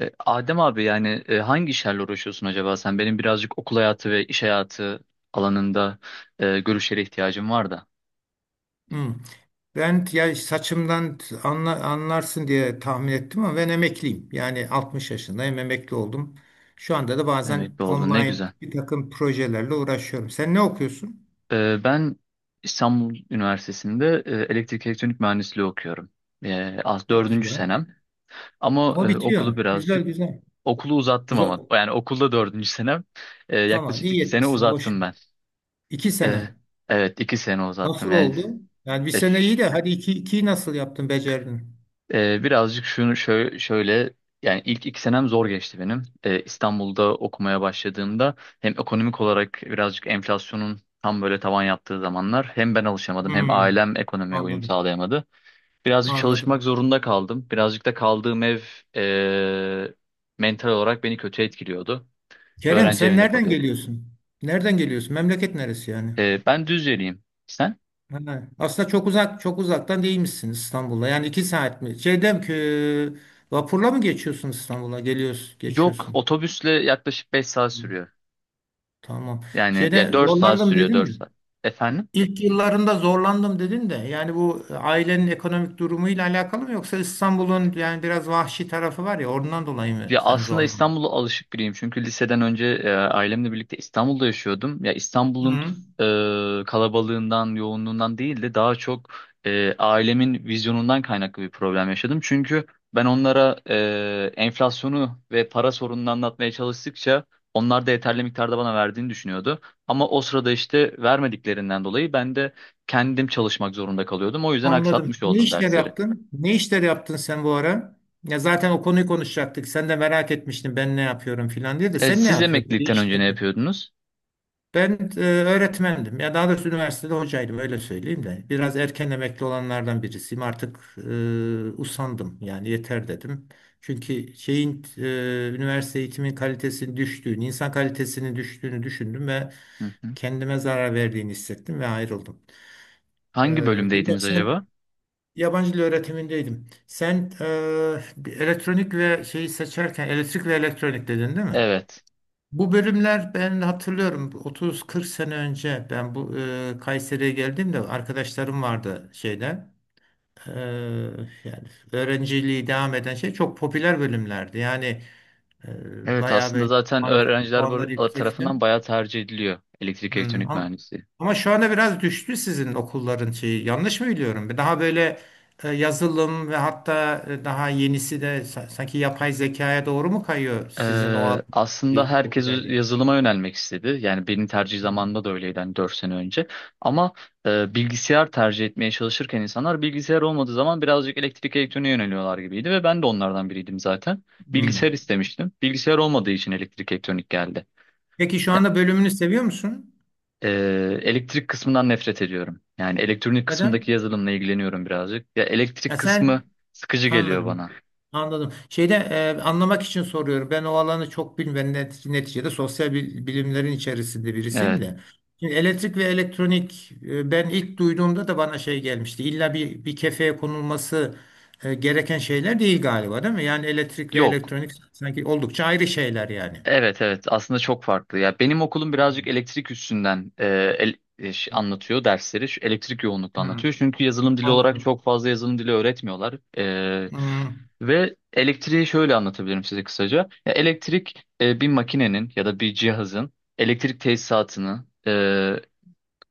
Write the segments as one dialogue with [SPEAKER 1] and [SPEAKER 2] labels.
[SPEAKER 1] Adem abi yani hangi işlerle uğraşıyorsun acaba sen? Benim birazcık okul hayatı ve iş hayatı alanında görüşlere ihtiyacım var da.
[SPEAKER 2] Hmm. Ben ya saçımdan anlarsın diye tahmin ettim ama ben emekliyim. Yani 60 yaşındayım, emekli oldum. Şu anda da bazen
[SPEAKER 1] Emekli oldun, ne
[SPEAKER 2] online
[SPEAKER 1] güzel.
[SPEAKER 2] bir takım projelerle uğraşıyorum. Sen ne okuyorsun?
[SPEAKER 1] Ben İstanbul Üniversitesi'nde elektrik elektronik mühendisliği okuyorum. Az
[SPEAKER 2] Çok
[SPEAKER 1] dördüncü
[SPEAKER 2] güzel.
[SPEAKER 1] senem ama
[SPEAKER 2] Ama
[SPEAKER 1] okulu
[SPEAKER 2] bitiyor. Güzel
[SPEAKER 1] birazcık
[SPEAKER 2] güzel.
[SPEAKER 1] uzattım, ama
[SPEAKER 2] Güzel.
[SPEAKER 1] yani okulda dördüncü senem,
[SPEAKER 2] Aman
[SPEAKER 1] yaklaşık
[SPEAKER 2] iyi
[SPEAKER 1] 2 sene
[SPEAKER 2] etmişsin. Boş
[SPEAKER 1] uzattım
[SPEAKER 2] ver.
[SPEAKER 1] ben.
[SPEAKER 2] İki
[SPEAKER 1] E,
[SPEAKER 2] sene.
[SPEAKER 1] evet, 2 sene uzattım
[SPEAKER 2] Nasıl
[SPEAKER 1] yani.
[SPEAKER 2] oldu? Yani bir
[SPEAKER 1] e,
[SPEAKER 2] sene iyi de hadi iki, ikiyi nasıl yaptın, becerdin?
[SPEAKER 1] Birazcık şunu şöyle yani ilk 2 senem zor geçti benim. İstanbul'da okumaya başladığımda hem ekonomik olarak birazcık enflasyonun tam böyle tavan yaptığı zamanlar, hem ben alışamadım, hem
[SPEAKER 2] Hmm.
[SPEAKER 1] ailem ekonomiye uyum
[SPEAKER 2] Anladım.
[SPEAKER 1] sağlayamadı. Birazcık çalışmak
[SPEAKER 2] Anladım.
[SPEAKER 1] zorunda kaldım. Birazcık da kaldığım ev ee, mental olarak beni kötü etkiliyordu.
[SPEAKER 2] Kerem,
[SPEAKER 1] Öğrenci
[SPEAKER 2] sen
[SPEAKER 1] evinde
[SPEAKER 2] nereden
[SPEAKER 1] kalıyordum.
[SPEAKER 2] geliyorsun? Nereden geliyorsun? Memleket neresi yani?
[SPEAKER 1] Ben Düzceliyim. Sen?
[SPEAKER 2] Ha, aslında çok uzak çok uzaktan değilmişsiniz İstanbul'a. Yani 2 saat mi? Şeyden ki vapurla mı geçiyorsun İstanbul'a? Geliyorsun,
[SPEAKER 1] Yok,
[SPEAKER 2] geçiyorsun.
[SPEAKER 1] otobüsle yaklaşık 5 saat
[SPEAKER 2] Hı,
[SPEAKER 1] sürüyor.
[SPEAKER 2] tamam.
[SPEAKER 1] Yani ya,
[SPEAKER 2] Şeyde
[SPEAKER 1] 4 saat
[SPEAKER 2] zorlandım
[SPEAKER 1] sürüyor,
[SPEAKER 2] dedin
[SPEAKER 1] 4
[SPEAKER 2] mi?
[SPEAKER 1] saat. Efendim?
[SPEAKER 2] İlk yıllarında zorlandım dedin de yani bu ailenin ekonomik durumuyla alakalı mı yoksa İstanbul'un yani biraz vahşi tarafı var ya ondan dolayı mı
[SPEAKER 1] Ya,
[SPEAKER 2] sen
[SPEAKER 1] aslında
[SPEAKER 2] zorlandın?
[SPEAKER 1] İstanbul'a alışık biriyim. Çünkü liseden önce ailemle birlikte İstanbul'da yaşıyordum. Ya İstanbul'un
[SPEAKER 2] Hı,
[SPEAKER 1] kalabalığından, yoğunluğundan değil de daha çok ailemin vizyonundan kaynaklı bir problem yaşadım. Çünkü ben onlara enflasyonu ve para sorununu anlatmaya çalıştıkça, onlar da yeterli miktarda bana verdiğini düşünüyordu. Ama o sırada işte vermediklerinden dolayı ben de kendim çalışmak zorunda kalıyordum. O yüzden
[SPEAKER 2] anladım.
[SPEAKER 1] aksatmış
[SPEAKER 2] Ne
[SPEAKER 1] oldum
[SPEAKER 2] işler
[SPEAKER 1] dersleri.
[SPEAKER 2] yaptın? Ne işler yaptın sen bu ara? Ya zaten o konuyu konuşacaktık. Sen de merak etmiştin ben ne yapıyorum filan diye de
[SPEAKER 1] E,
[SPEAKER 2] sen ne
[SPEAKER 1] siz
[SPEAKER 2] yapıyorsun? Bir de
[SPEAKER 1] emeklilikten
[SPEAKER 2] iş
[SPEAKER 1] önce ne
[SPEAKER 2] yapıyorsun.
[SPEAKER 1] yapıyordunuz?
[SPEAKER 2] Ben öğretmendim. Ya daha doğrusu üniversitede hocaydım öyle söyleyeyim de. Biraz erken emekli olanlardan birisiyim. Artık usandım yani yeter dedim. Çünkü şeyin üniversite eğitimin kalitesinin düştüğünü, insan kalitesinin düştüğünü düşündüm ve
[SPEAKER 1] Hı.
[SPEAKER 2] kendime zarar verdiğini hissettim ve ayrıldım. E,
[SPEAKER 1] Hangi
[SPEAKER 2] bilmiyorum,
[SPEAKER 1] bölümdeydiniz
[SPEAKER 2] sen
[SPEAKER 1] acaba?
[SPEAKER 2] yabancı dil öğretimindeydim. Sen elektronik ve şeyi seçerken elektrik ve elektronik dedin değil mi?
[SPEAKER 1] Evet.
[SPEAKER 2] Bu bölümler ben hatırlıyorum 30-40 sene önce ben bu Kayseri'ye geldiğimde arkadaşlarım vardı şeyden e, yani öğrenciliği devam eden şey çok popüler bölümlerdi. Yani
[SPEAKER 1] Evet,
[SPEAKER 2] bayağı
[SPEAKER 1] aslında
[SPEAKER 2] böyle
[SPEAKER 1] zaten
[SPEAKER 2] puanlar,
[SPEAKER 1] öğrenciler
[SPEAKER 2] puanlar yüksekti.
[SPEAKER 1] tarafından bayağı tercih ediliyor elektrik
[SPEAKER 2] Hmm,
[SPEAKER 1] elektronik
[SPEAKER 2] ama,
[SPEAKER 1] mühendisliği.
[SPEAKER 2] ama şu anda biraz düştü sizin okulların şeyi. Yanlış mı biliyorum? Daha böyle yazılım ve hatta daha yenisi de sanki yapay zekaya doğru mu kayıyor sizin o alan-
[SPEAKER 1] Aslında
[SPEAKER 2] bir
[SPEAKER 1] herkes
[SPEAKER 2] popülerliği?
[SPEAKER 1] yazılıma yönelmek istedi. Yani benim tercih
[SPEAKER 2] Hmm.
[SPEAKER 1] zamanımda da öyleydi, hani 4 sene önce. Ama bilgisayar tercih etmeye çalışırken, insanlar bilgisayar olmadığı zaman birazcık elektrik elektroniğe yöneliyorlar gibiydi ve ben de onlardan biriydim zaten. Bilgisayar
[SPEAKER 2] Hmm.
[SPEAKER 1] istemiştim. Bilgisayar olmadığı için elektrik elektronik geldi.
[SPEAKER 2] Peki şu anda bölümünü seviyor musun?
[SPEAKER 1] Elektrik kısmından nefret ediyorum. Yani elektronik kısmındaki
[SPEAKER 2] Neden?
[SPEAKER 1] yazılımla ilgileniyorum birazcık. Ya
[SPEAKER 2] Ya
[SPEAKER 1] elektrik kısmı
[SPEAKER 2] sen
[SPEAKER 1] sıkıcı geliyor
[SPEAKER 2] anladım.
[SPEAKER 1] bana.
[SPEAKER 2] Anladım. Şeyde anlamak için soruyorum. Ben o alanı çok bilmem. Neticede sosyal bilimlerin içerisinde birisiyim
[SPEAKER 1] Evet.
[SPEAKER 2] de. Şimdi elektrik ve elektronik ben ilk duyduğumda da bana şey gelmişti. İlla bir kefeye konulması gereken şeyler değil galiba, değil mi? Yani elektrik ve
[SPEAKER 1] Yok.
[SPEAKER 2] elektronik sanki oldukça ayrı şeyler yani.
[SPEAKER 1] Evet, evet, aslında çok farklı. Ya benim okulum birazcık elektrik üstünden anlatıyor dersleri. Şu elektrik yoğunlukla
[SPEAKER 2] Hmm,
[SPEAKER 1] anlatıyor. Çünkü yazılım dili olarak
[SPEAKER 2] anladım.
[SPEAKER 1] çok fazla yazılım dili öğretmiyorlar.
[SPEAKER 2] Hmm,
[SPEAKER 1] Ve elektriği şöyle anlatabilirim size kısaca. Ya elektrik, bir makinenin ya da bir cihazın elektrik tesisatını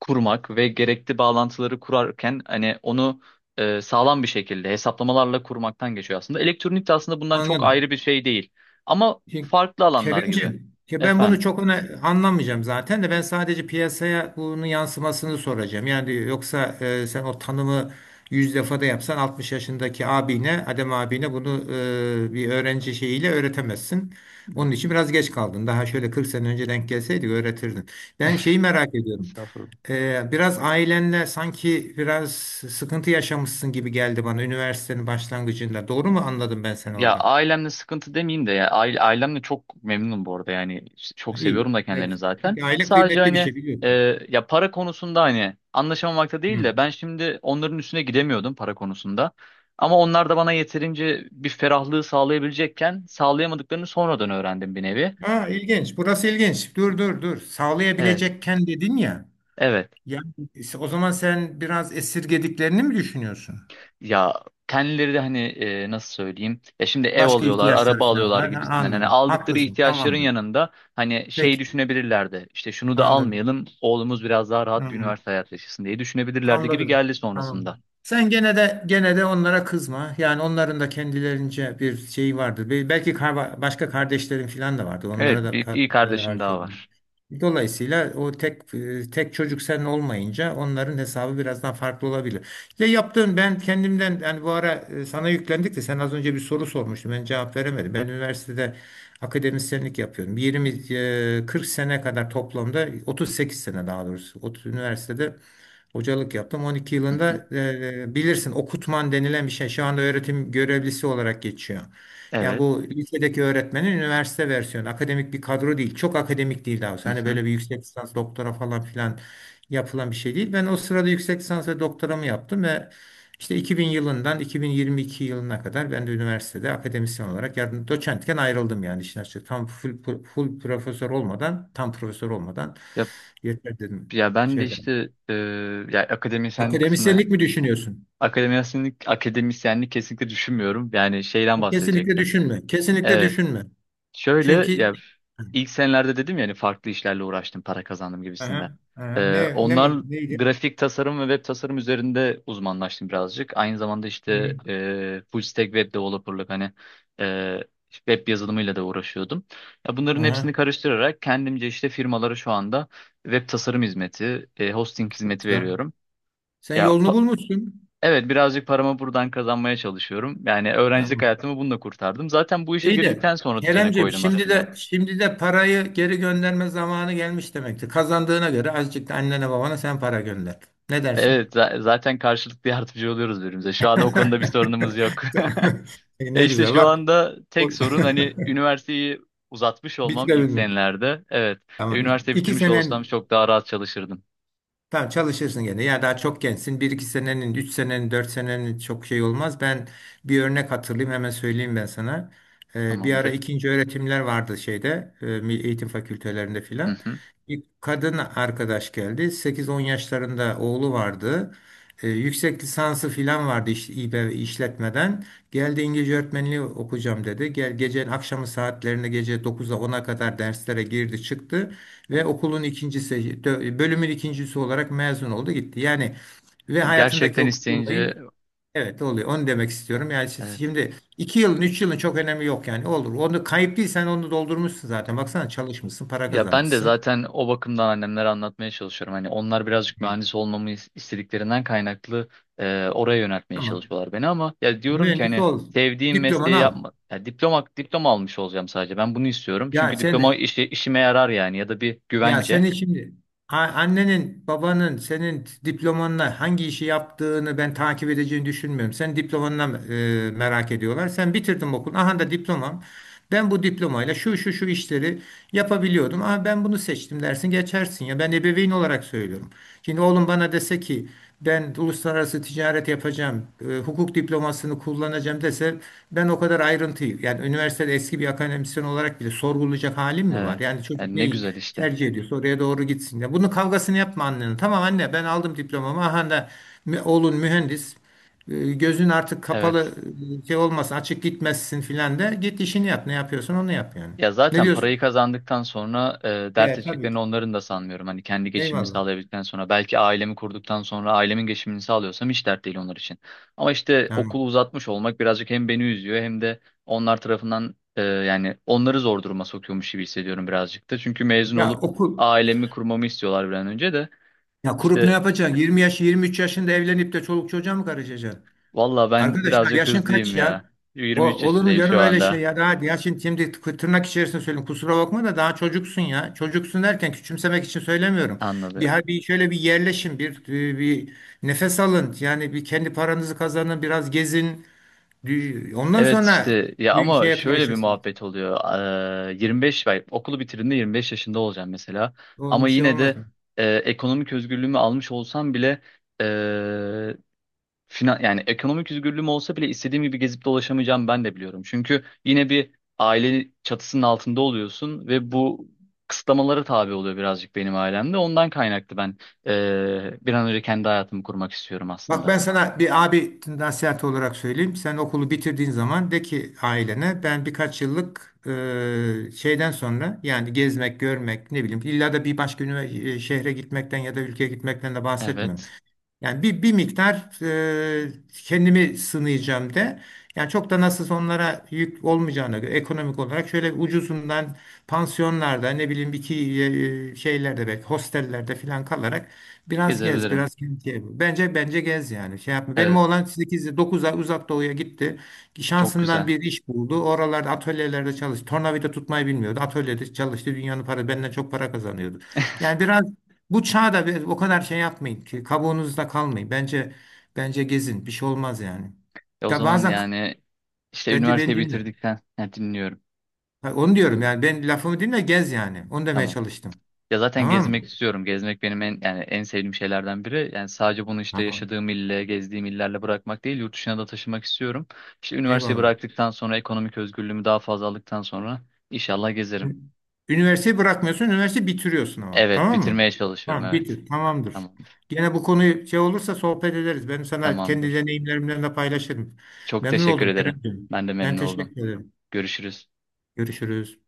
[SPEAKER 1] kurmak ve gerekli bağlantıları kurarken hani onu sağlam bir şekilde hesaplamalarla kurmaktan geçiyor aslında. Elektronik de aslında bundan çok
[SPEAKER 2] anladım.
[SPEAKER 1] ayrı bir şey değil. Ama
[SPEAKER 2] Ya
[SPEAKER 1] farklı alanlar gibi.
[SPEAKER 2] Kerimcim, ya ben
[SPEAKER 1] Efendim.
[SPEAKER 2] bunu çok öne anlamayacağım zaten de ben sadece piyasaya bunun yansımasını soracağım. Yani yoksa sen o tanımı yüz defa da yapsan 60 yaşındaki abine, Adem abine bunu bir öğrenci şeyiyle öğretemezsin. Onun için biraz geç kaldın. Daha şöyle 40 sene önce denk gelseydi öğretirdin. Ben şeyi merak ediyorum.
[SPEAKER 1] Estağfurullah.
[SPEAKER 2] Biraz ailenle sanki biraz sıkıntı yaşamışsın gibi geldi bana üniversitenin başlangıcında. Doğru mu anladım ben seni
[SPEAKER 1] Ya
[SPEAKER 2] orada?
[SPEAKER 1] ailemle sıkıntı demeyeyim de ya, ailemle çok memnunum bu arada, yani
[SPEAKER 2] Ha,
[SPEAKER 1] çok
[SPEAKER 2] iyi.
[SPEAKER 1] seviyorum da
[SPEAKER 2] Ne
[SPEAKER 1] kendilerini
[SPEAKER 2] güzel.
[SPEAKER 1] zaten.
[SPEAKER 2] Çünkü aile
[SPEAKER 1] Sadece
[SPEAKER 2] kıymetli bir
[SPEAKER 1] hani,
[SPEAKER 2] şey
[SPEAKER 1] e,
[SPEAKER 2] biliyorsun.
[SPEAKER 1] ya para konusunda hani anlaşamamakta değil
[SPEAKER 2] Hı.
[SPEAKER 1] de ben şimdi onların üstüne gidemiyordum para konusunda. Ama onlar da bana yeterince bir ferahlığı sağlayabilecekken sağlayamadıklarını sonradan öğrendim bir nevi.
[SPEAKER 2] Ha, ilginç. Burası ilginç. Dur dur dur.
[SPEAKER 1] Evet,
[SPEAKER 2] Sağlayabilecekken dedin ya.
[SPEAKER 1] evet.
[SPEAKER 2] Ya o zaman sen biraz esirgediklerini mi düşünüyorsun?
[SPEAKER 1] Ya kendileri de hani, nasıl söyleyeyim? Ya şimdi ev
[SPEAKER 2] Başka
[SPEAKER 1] alıyorlar,
[SPEAKER 2] ihtiyaçlar
[SPEAKER 1] araba
[SPEAKER 2] falan
[SPEAKER 1] alıyorlar
[SPEAKER 2] var. Ha,
[SPEAKER 1] gibisinden. Hani
[SPEAKER 2] anladım.
[SPEAKER 1] aldıkları
[SPEAKER 2] Haklısın.
[SPEAKER 1] ihtiyaçların
[SPEAKER 2] Tamamdır.
[SPEAKER 1] yanında hani şey
[SPEAKER 2] Peki.
[SPEAKER 1] düşünebilirlerdi. İşte şunu da
[SPEAKER 2] Anladım.
[SPEAKER 1] almayalım, oğlumuz biraz daha rahat bir
[SPEAKER 2] Hı.
[SPEAKER 1] üniversite hayatı yaşasın diye düşünebilirlerdi gibi
[SPEAKER 2] Anladım.
[SPEAKER 1] geldi
[SPEAKER 2] Tamam.
[SPEAKER 1] sonrasında.
[SPEAKER 2] Sen gene de onlara kızma. Yani onların da kendilerince bir şeyi vardır. Belki başka kardeşlerin falan da vardı.
[SPEAKER 1] Evet,
[SPEAKER 2] Onlara da
[SPEAKER 1] bir iyi
[SPEAKER 2] para
[SPEAKER 1] kardeşim daha
[SPEAKER 2] harcayın.
[SPEAKER 1] var.
[SPEAKER 2] Dolayısıyla o tek çocuk sen olmayınca onların hesabı biraz daha farklı olabilir. Ya yaptığın ben kendimden yani bu ara sana yüklendik de sen az önce bir soru sormuştun. Ben cevap veremedim. Ben üniversitede akademisyenlik yapıyorum. 40 sene kadar toplamda 38 sene daha doğrusu. Üniversitede hocalık yaptım. On iki
[SPEAKER 1] Hı hı.
[SPEAKER 2] yılında bilirsin okutman denilen bir şey şu anda öğretim görevlisi olarak geçiyor. Yani
[SPEAKER 1] Evet.
[SPEAKER 2] bu lisedeki öğretmenin üniversite versiyonu. Akademik bir kadro değil. Çok akademik değil daha doğrusu.
[SPEAKER 1] Hı
[SPEAKER 2] Hani
[SPEAKER 1] hı.
[SPEAKER 2] böyle bir yüksek lisans doktora falan filan yapılan bir şey değil. Ben o sırada yüksek lisans ve doktoramı yaptım ve işte 2000 yılından 2022 yılına kadar ben de üniversitede akademisyen olarak yardım doçentken ayrıldım yani işin açığı. Tam full profesör olmadan, tam profesör olmadan
[SPEAKER 1] Ya,
[SPEAKER 2] yeter dedim.
[SPEAKER 1] ya ben de
[SPEAKER 2] Şeyden.
[SPEAKER 1] işte ya akademisyenlik kısmına,
[SPEAKER 2] Akademisyenlik mi düşünüyorsun?
[SPEAKER 1] akademisyenlik kesinlikle düşünmüyorum. Yani şeyden
[SPEAKER 2] Kesinlikle
[SPEAKER 1] bahsedecektim.
[SPEAKER 2] düşünme. Kesinlikle
[SPEAKER 1] Evet.
[SPEAKER 2] düşünme.
[SPEAKER 1] Şöyle
[SPEAKER 2] Çünkü.
[SPEAKER 1] ya, ilk senelerde dedim ya, hani farklı işlerle uğraştım, para kazandım gibisinden.
[SPEAKER 2] Aha, aha.
[SPEAKER 1] Onlar
[SPEAKER 2] Neydi?
[SPEAKER 1] grafik tasarım ve web tasarım üzerinde uzmanlaştım birazcık. Aynı zamanda
[SPEAKER 2] Hı,
[SPEAKER 1] işte full stack web developerlık, hani e, web yazılımıyla da uğraşıyordum. Ya bunların
[SPEAKER 2] aha,
[SPEAKER 1] hepsini karıştırarak kendimce işte firmalara şu anda web tasarım hizmeti, hosting
[SPEAKER 2] çok
[SPEAKER 1] hizmeti
[SPEAKER 2] güzel.
[SPEAKER 1] veriyorum.
[SPEAKER 2] Sen
[SPEAKER 1] Ya
[SPEAKER 2] yolunu bulmuşsun.
[SPEAKER 1] evet, birazcık paramı buradan kazanmaya çalışıyorum. Yani öğrencilik
[SPEAKER 2] Tamam.
[SPEAKER 1] hayatımı bununla kurtardım. Zaten bu işe
[SPEAKER 2] İyi de
[SPEAKER 1] girdikten sonra düzene
[SPEAKER 2] Keremciğim
[SPEAKER 1] koydum
[SPEAKER 2] şimdi de
[SPEAKER 1] aslında.
[SPEAKER 2] şimdi de parayı geri gönderme zamanı gelmiş demektir. Kazandığına göre azıcık da annene babana sen para gönder. Ne dersin?
[SPEAKER 1] Evet, zaten karşılıklı yardımcı oluyoruz birbirimize. Şu anda o konuda bir sorunumuz yok. Ya
[SPEAKER 2] Ne
[SPEAKER 1] işte
[SPEAKER 2] güzel
[SPEAKER 1] şu
[SPEAKER 2] bak.
[SPEAKER 1] anda
[SPEAKER 2] o-
[SPEAKER 1] tek sorun hani üniversiteyi uzatmış olmam ilk
[SPEAKER 2] Bitirebilmek.
[SPEAKER 1] senelerde. Evet. E,
[SPEAKER 2] Tamam.
[SPEAKER 1] üniversite
[SPEAKER 2] İki
[SPEAKER 1] bitirmiş olsam
[SPEAKER 2] senen
[SPEAKER 1] çok daha rahat çalışırdım.
[SPEAKER 2] Tamam çalışırsın gene. Ya daha çok gençsin. Bir iki senenin, üç senenin, dört senenin çok şey olmaz. Ben bir örnek hatırlayayım hemen söyleyeyim ben sana. Bir ara
[SPEAKER 1] Tamamdır.
[SPEAKER 2] ikinci öğretimler vardı şeyde Milli eğitim fakültelerinde
[SPEAKER 1] Hı
[SPEAKER 2] filan.
[SPEAKER 1] hı.
[SPEAKER 2] Bir kadın arkadaş geldi. Sekiz on yaşlarında oğlu vardı. Yüksek lisansı filan vardı İBB işletmeden. Geldi İngilizce öğretmenliği okuyacağım dedi. Gel gecenin akşamı saatlerinde gece dokuz'a ona kadar derslere girdi çıktı ve
[SPEAKER 1] Tamam.
[SPEAKER 2] okulun ikincisi, bölümün ikincisi olarak mezun oldu gitti. Yani ve hayatındaki
[SPEAKER 1] Gerçekten
[SPEAKER 2] o kısır
[SPEAKER 1] isteyince,
[SPEAKER 2] olayı evet oluyor. Onu demek istiyorum. Yani
[SPEAKER 1] evet.
[SPEAKER 2] şimdi iki yılın, üç yılın çok önemi yok yani. Olur. Onu kayıp değil, sen onu doldurmuşsun zaten. Baksana çalışmışsın, para
[SPEAKER 1] Ya ben de
[SPEAKER 2] kazanmışsın.
[SPEAKER 1] zaten o bakımdan annemlere anlatmaya çalışıyorum. Hani onlar birazcık
[SPEAKER 2] Hı.
[SPEAKER 1] mühendis olmamı istediklerinden kaynaklı oraya yöneltmeye
[SPEAKER 2] Tamam.
[SPEAKER 1] çalışıyorlar beni, ama ya diyorum ki
[SPEAKER 2] Mühendis
[SPEAKER 1] hani
[SPEAKER 2] ol.
[SPEAKER 1] sevdiğim
[SPEAKER 2] Diplomanı
[SPEAKER 1] mesleği
[SPEAKER 2] al.
[SPEAKER 1] yapma. Ya diploma almış olacağım sadece. Ben bunu istiyorum.
[SPEAKER 2] Ya
[SPEAKER 1] Çünkü diploma
[SPEAKER 2] sen
[SPEAKER 1] işime yarar yani, ya da bir
[SPEAKER 2] Ya
[SPEAKER 1] güvence.
[SPEAKER 2] seni şimdi annenin, babanın senin diplomanla hangi işi yaptığını ben takip edeceğini düşünmüyorum. Sen diplomanla merak ediyorlar. Sen bitirdin okul. Aha da diplomam. Ben bu diplomayla şu şu şu işleri yapabiliyordum. Ama ben bunu seçtim dersin geçersin ya. Ben ebeveyn olarak söylüyorum. Şimdi oğlum bana dese ki ben uluslararası ticaret yapacağım, hukuk diplomasını kullanacağım dese ben o kadar ayrıntıyı yani üniversitede eski bir akademisyen olarak bile sorgulayacak halim mi var?
[SPEAKER 1] Evet.
[SPEAKER 2] Yani çocuk
[SPEAKER 1] Yani ne
[SPEAKER 2] neyi
[SPEAKER 1] güzel işte.
[SPEAKER 2] tercih ediyorsa oraya doğru gitsin. Ya bunun kavgasını yapma annenin. Tamam anne ben aldım diplomamı. Aha da oğlun mühendis. Gözün artık
[SPEAKER 1] Evet.
[SPEAKER 2] kapalı şey olmasın açık gitmezsin filan de git işini yap ne yapıyorsun onu yap yani.
[SPEAKER 1] Ya
[SPEAKER 2] Ne
[SPEAKER 1] zaten parayı
[SPEAKER 2] diyorsun?
[SPEAKER 1] kazandıktan sonra dert
[SPEAKER 2] He, tabii
[SPEAKER 1] edeceklerini
[SPEAKER 2] ki.
[SPEAKER 1] onların da sanmıyorum. Hani kendi geçimimi
[SPEAKER 2] Eyvallah.
[SPEAKER 1] sağlayabildikten sonra, belki ailemi kurduktan sonra ailemin geçimini sağlıyorsam, hiç dert değil onlar için. Ama işte
[SPEAKER 2] Tamam.
[SPEAKER 1] okulu uzatmış olmak birazcık hem beni üzüyor, hem de onlar tarafından yani onları zor duruma sokuyormuş gibi hissediyorum birazcık da. Çünkü mezun
[SPEAKER 2] Ya
[SPEAKER 1] olup
[SPEAKER 2] okul
[SPEAKER 1] ailemi kurmamı istiyorlar bir an önce de.
[SPEAKER 2] ya kurup ne
[SPEAKER 1] İşte
[SPEAKER 2] yapacaksın? 20 yaş 23 yaşında evlenip de çoluk çocuğa mı karışacaksın?
[SPEAKER 1] valla ben
[SPEAKER 2] Arkadaşlar
[SPEAKER 1] birazcık
[SPEAKER 2] yaşın kaç
[SPEAKER 1] hızlıyım ya.
[SPEAKER 2] ya? O,
[SPEAKER 1] 23
[SPEAKER 2] olur mu
[SPEAKER 1] yaşındayım
[SPEAKER 2] canım
[SPEAKER 1] şu
[SPEAKER 2] öyle şey
[SPEAKER 1] anda.
[SPEAKER 2] ya? Daha ya şimdi tırnak içerisinde söylüyorum. Kusura bakma da daha çocuksun ya. Çocuksun derken küçümsemek için söylemiyorum.
[SPEAKER 1] Anladım.
[SPEAKER 2] Bir şöyle bir yerleşin, bir nefes alın. Yani bir kendi paranızı kazanın, biraz gezin. Ondan
[SPEAKER 1] Evet
[SPEAKER 2] sonra
[SPEAKER 1] işte ya,
[SPEAKER 2] bir
[SPEAKER 1] ama
[SPEAKER 2] şeye
[SPEAKER 1] şöyle bir
[SPEAKER 2] karışırsınız.
[SPEAKER 1] muhabbet oluyor. 25 ben okulu bitirdiğimde 25 yaşında olacağım mesela.
[SPEAKER 2] Onun
[SPEAKER 1] Ama
[SPEAKER 2] bir şey
[SPEAKER 1] yine
[SPEAKER 2] olmaz.
[SPEAKER 1] de ekonomik özgürlüğümü almış olsam bile, e, finan yani ekonomik özgürlüğüm olsa bile istediğim gibi gezip dolaşamayacağım, ben de biliyorum. Çünkü yine bir aile çatısının altında oluyorsun ve bu kısıtlamalara tabi oluyor birazcık benim ailemde. Ondan kaynaklı ben bir an önce kendi hayatımı kurmak istiyorum
[SPEAKER 2] Bak
[SPEAKER 1] aslında.
[SPEAKER 2] ben sana bir abi nasihat olarak söyleyeyim. Sen okulu bitirdiğin zaman de ki ailene ben birkaç yıllık şeyden sonra yani gezmek, görmek ne bileyim illa da bir başka şehre gitmekten ya da ülkeye gitmekten de bahsetmiyorum.
[SPEAKER 1] Evet,
[SPEAKER 2] Yani bir miktar e, kendimi sınayacağım de. Yani çok da nasıl onlara yük olmayacağına göre ekonomik olarak şöyle ucuzundan pansiyonlarda ne bileyim şeylerde belki hostellerde falan kalarak biraz gez
[SPEAKER 1] gezebilirim.
[SPEAKER 2] biraz kentiye vur. Bence gez yani şey yapma. Benim
[SPEAKER 1] Evet,
[SPEAKER 2] oğlan 8 9 ay uzak doğuya gitti.
[SPEAKER 1] çok
[SPEAKER 2] Şansından
[SPEAKER 1] güzel.
[SPEAKER 2] bir iş buldu. Oralarda atölyelerde çalıştı. Tornavida tutmayı bilmiyordu. Atölyede çalıştı. Dünyanın para benden çok para kazanıyordu. Yani biraz bu çağda o kadar şey yapmayın ki kabuğunuzda kalmayın. Bence gezin bir şey olmaz yani.
[SPEAKER 1] O
[SPEAKER 2] Ya
[SPEAKER 1] zaman
[SPEAKER 2] bazen
[SPEAKER 1] yani işte
[SPEAKER 2] bence beni
[SPEAKER 1] üniversiteyi
[SPEAKER 2] dinle.
[SPEAKER 1] bitirdikten, ha, dinliyorum.
[SPEAKER 2] Ha, onu diyorum yani ben lafımı dinle gez yani. Onu demeye
[SPEAKER 1] Tamam.
[SPEAKER 2] çalıştım.
[SPEAKER 1] Ya zaten
[SPEAKER 2] Tamam
[SPEAKER 1] gezmek
[SPEAKER 2] mı?
[SPEAKER 1] istiyorum. Gezmek benim en, yani en sevdiğim şeylerden biri. Yani sadece bunu işte
[SPEAKER 2] Tamam.
[SPEAKER 1] yaşadığım gezdiğim illerle bırakmak değil, yurt dışına da taşımak istiyorum. İşte üniversiteyi
[SPEAKER 2] Eyvallah.
[SPEAKER 1] bıraktıktan sonra ekonomik özgürlüğümü daha fazla aldıktan sonra inşallah gezerim.
[SPEAKER 2] Ü- Üniversiteyi bırakmıyorsun, üniversiteyi bitiriyorsun ama.
[SPEAKER 1] Evet,
[SPEAKER 2] Tamam mı?
[SPEAKER 1] bitirmeye çalışıyorum.
[SPEAKER 2] Tamam,
[SPEAKER 1] Evet.
[SPEAKER 2] bitir. Tamamdır.
[SPEAKER 1] Tamamdır.
[SPEAKER 2] Gene bu konuyu şey olursa sohbet ederiz. Ben sana kendi
[SPEAKER 1] Tamamdır.
[SPEAKER 2] deneyimlerimden de paylaşırım.
[SPEAKER 1] Çok
[SPEAKER 2] Memnun
[SPEAKER 1] teşekkür
[SPEAKER 2] oldum
[SPEAKER 1] ederim.
[SPEAKER 2] Kerem'ciğim.
[SPEAKER 1] Ben de
[SPEAKER 2] Ben
[SPEAKER 1] memnun oldum.
[SPEAKER 2] teşekkür ederim.
[SPEAKER 1] Görüşürüz.
[SPEAKER 2] Görüşürüz.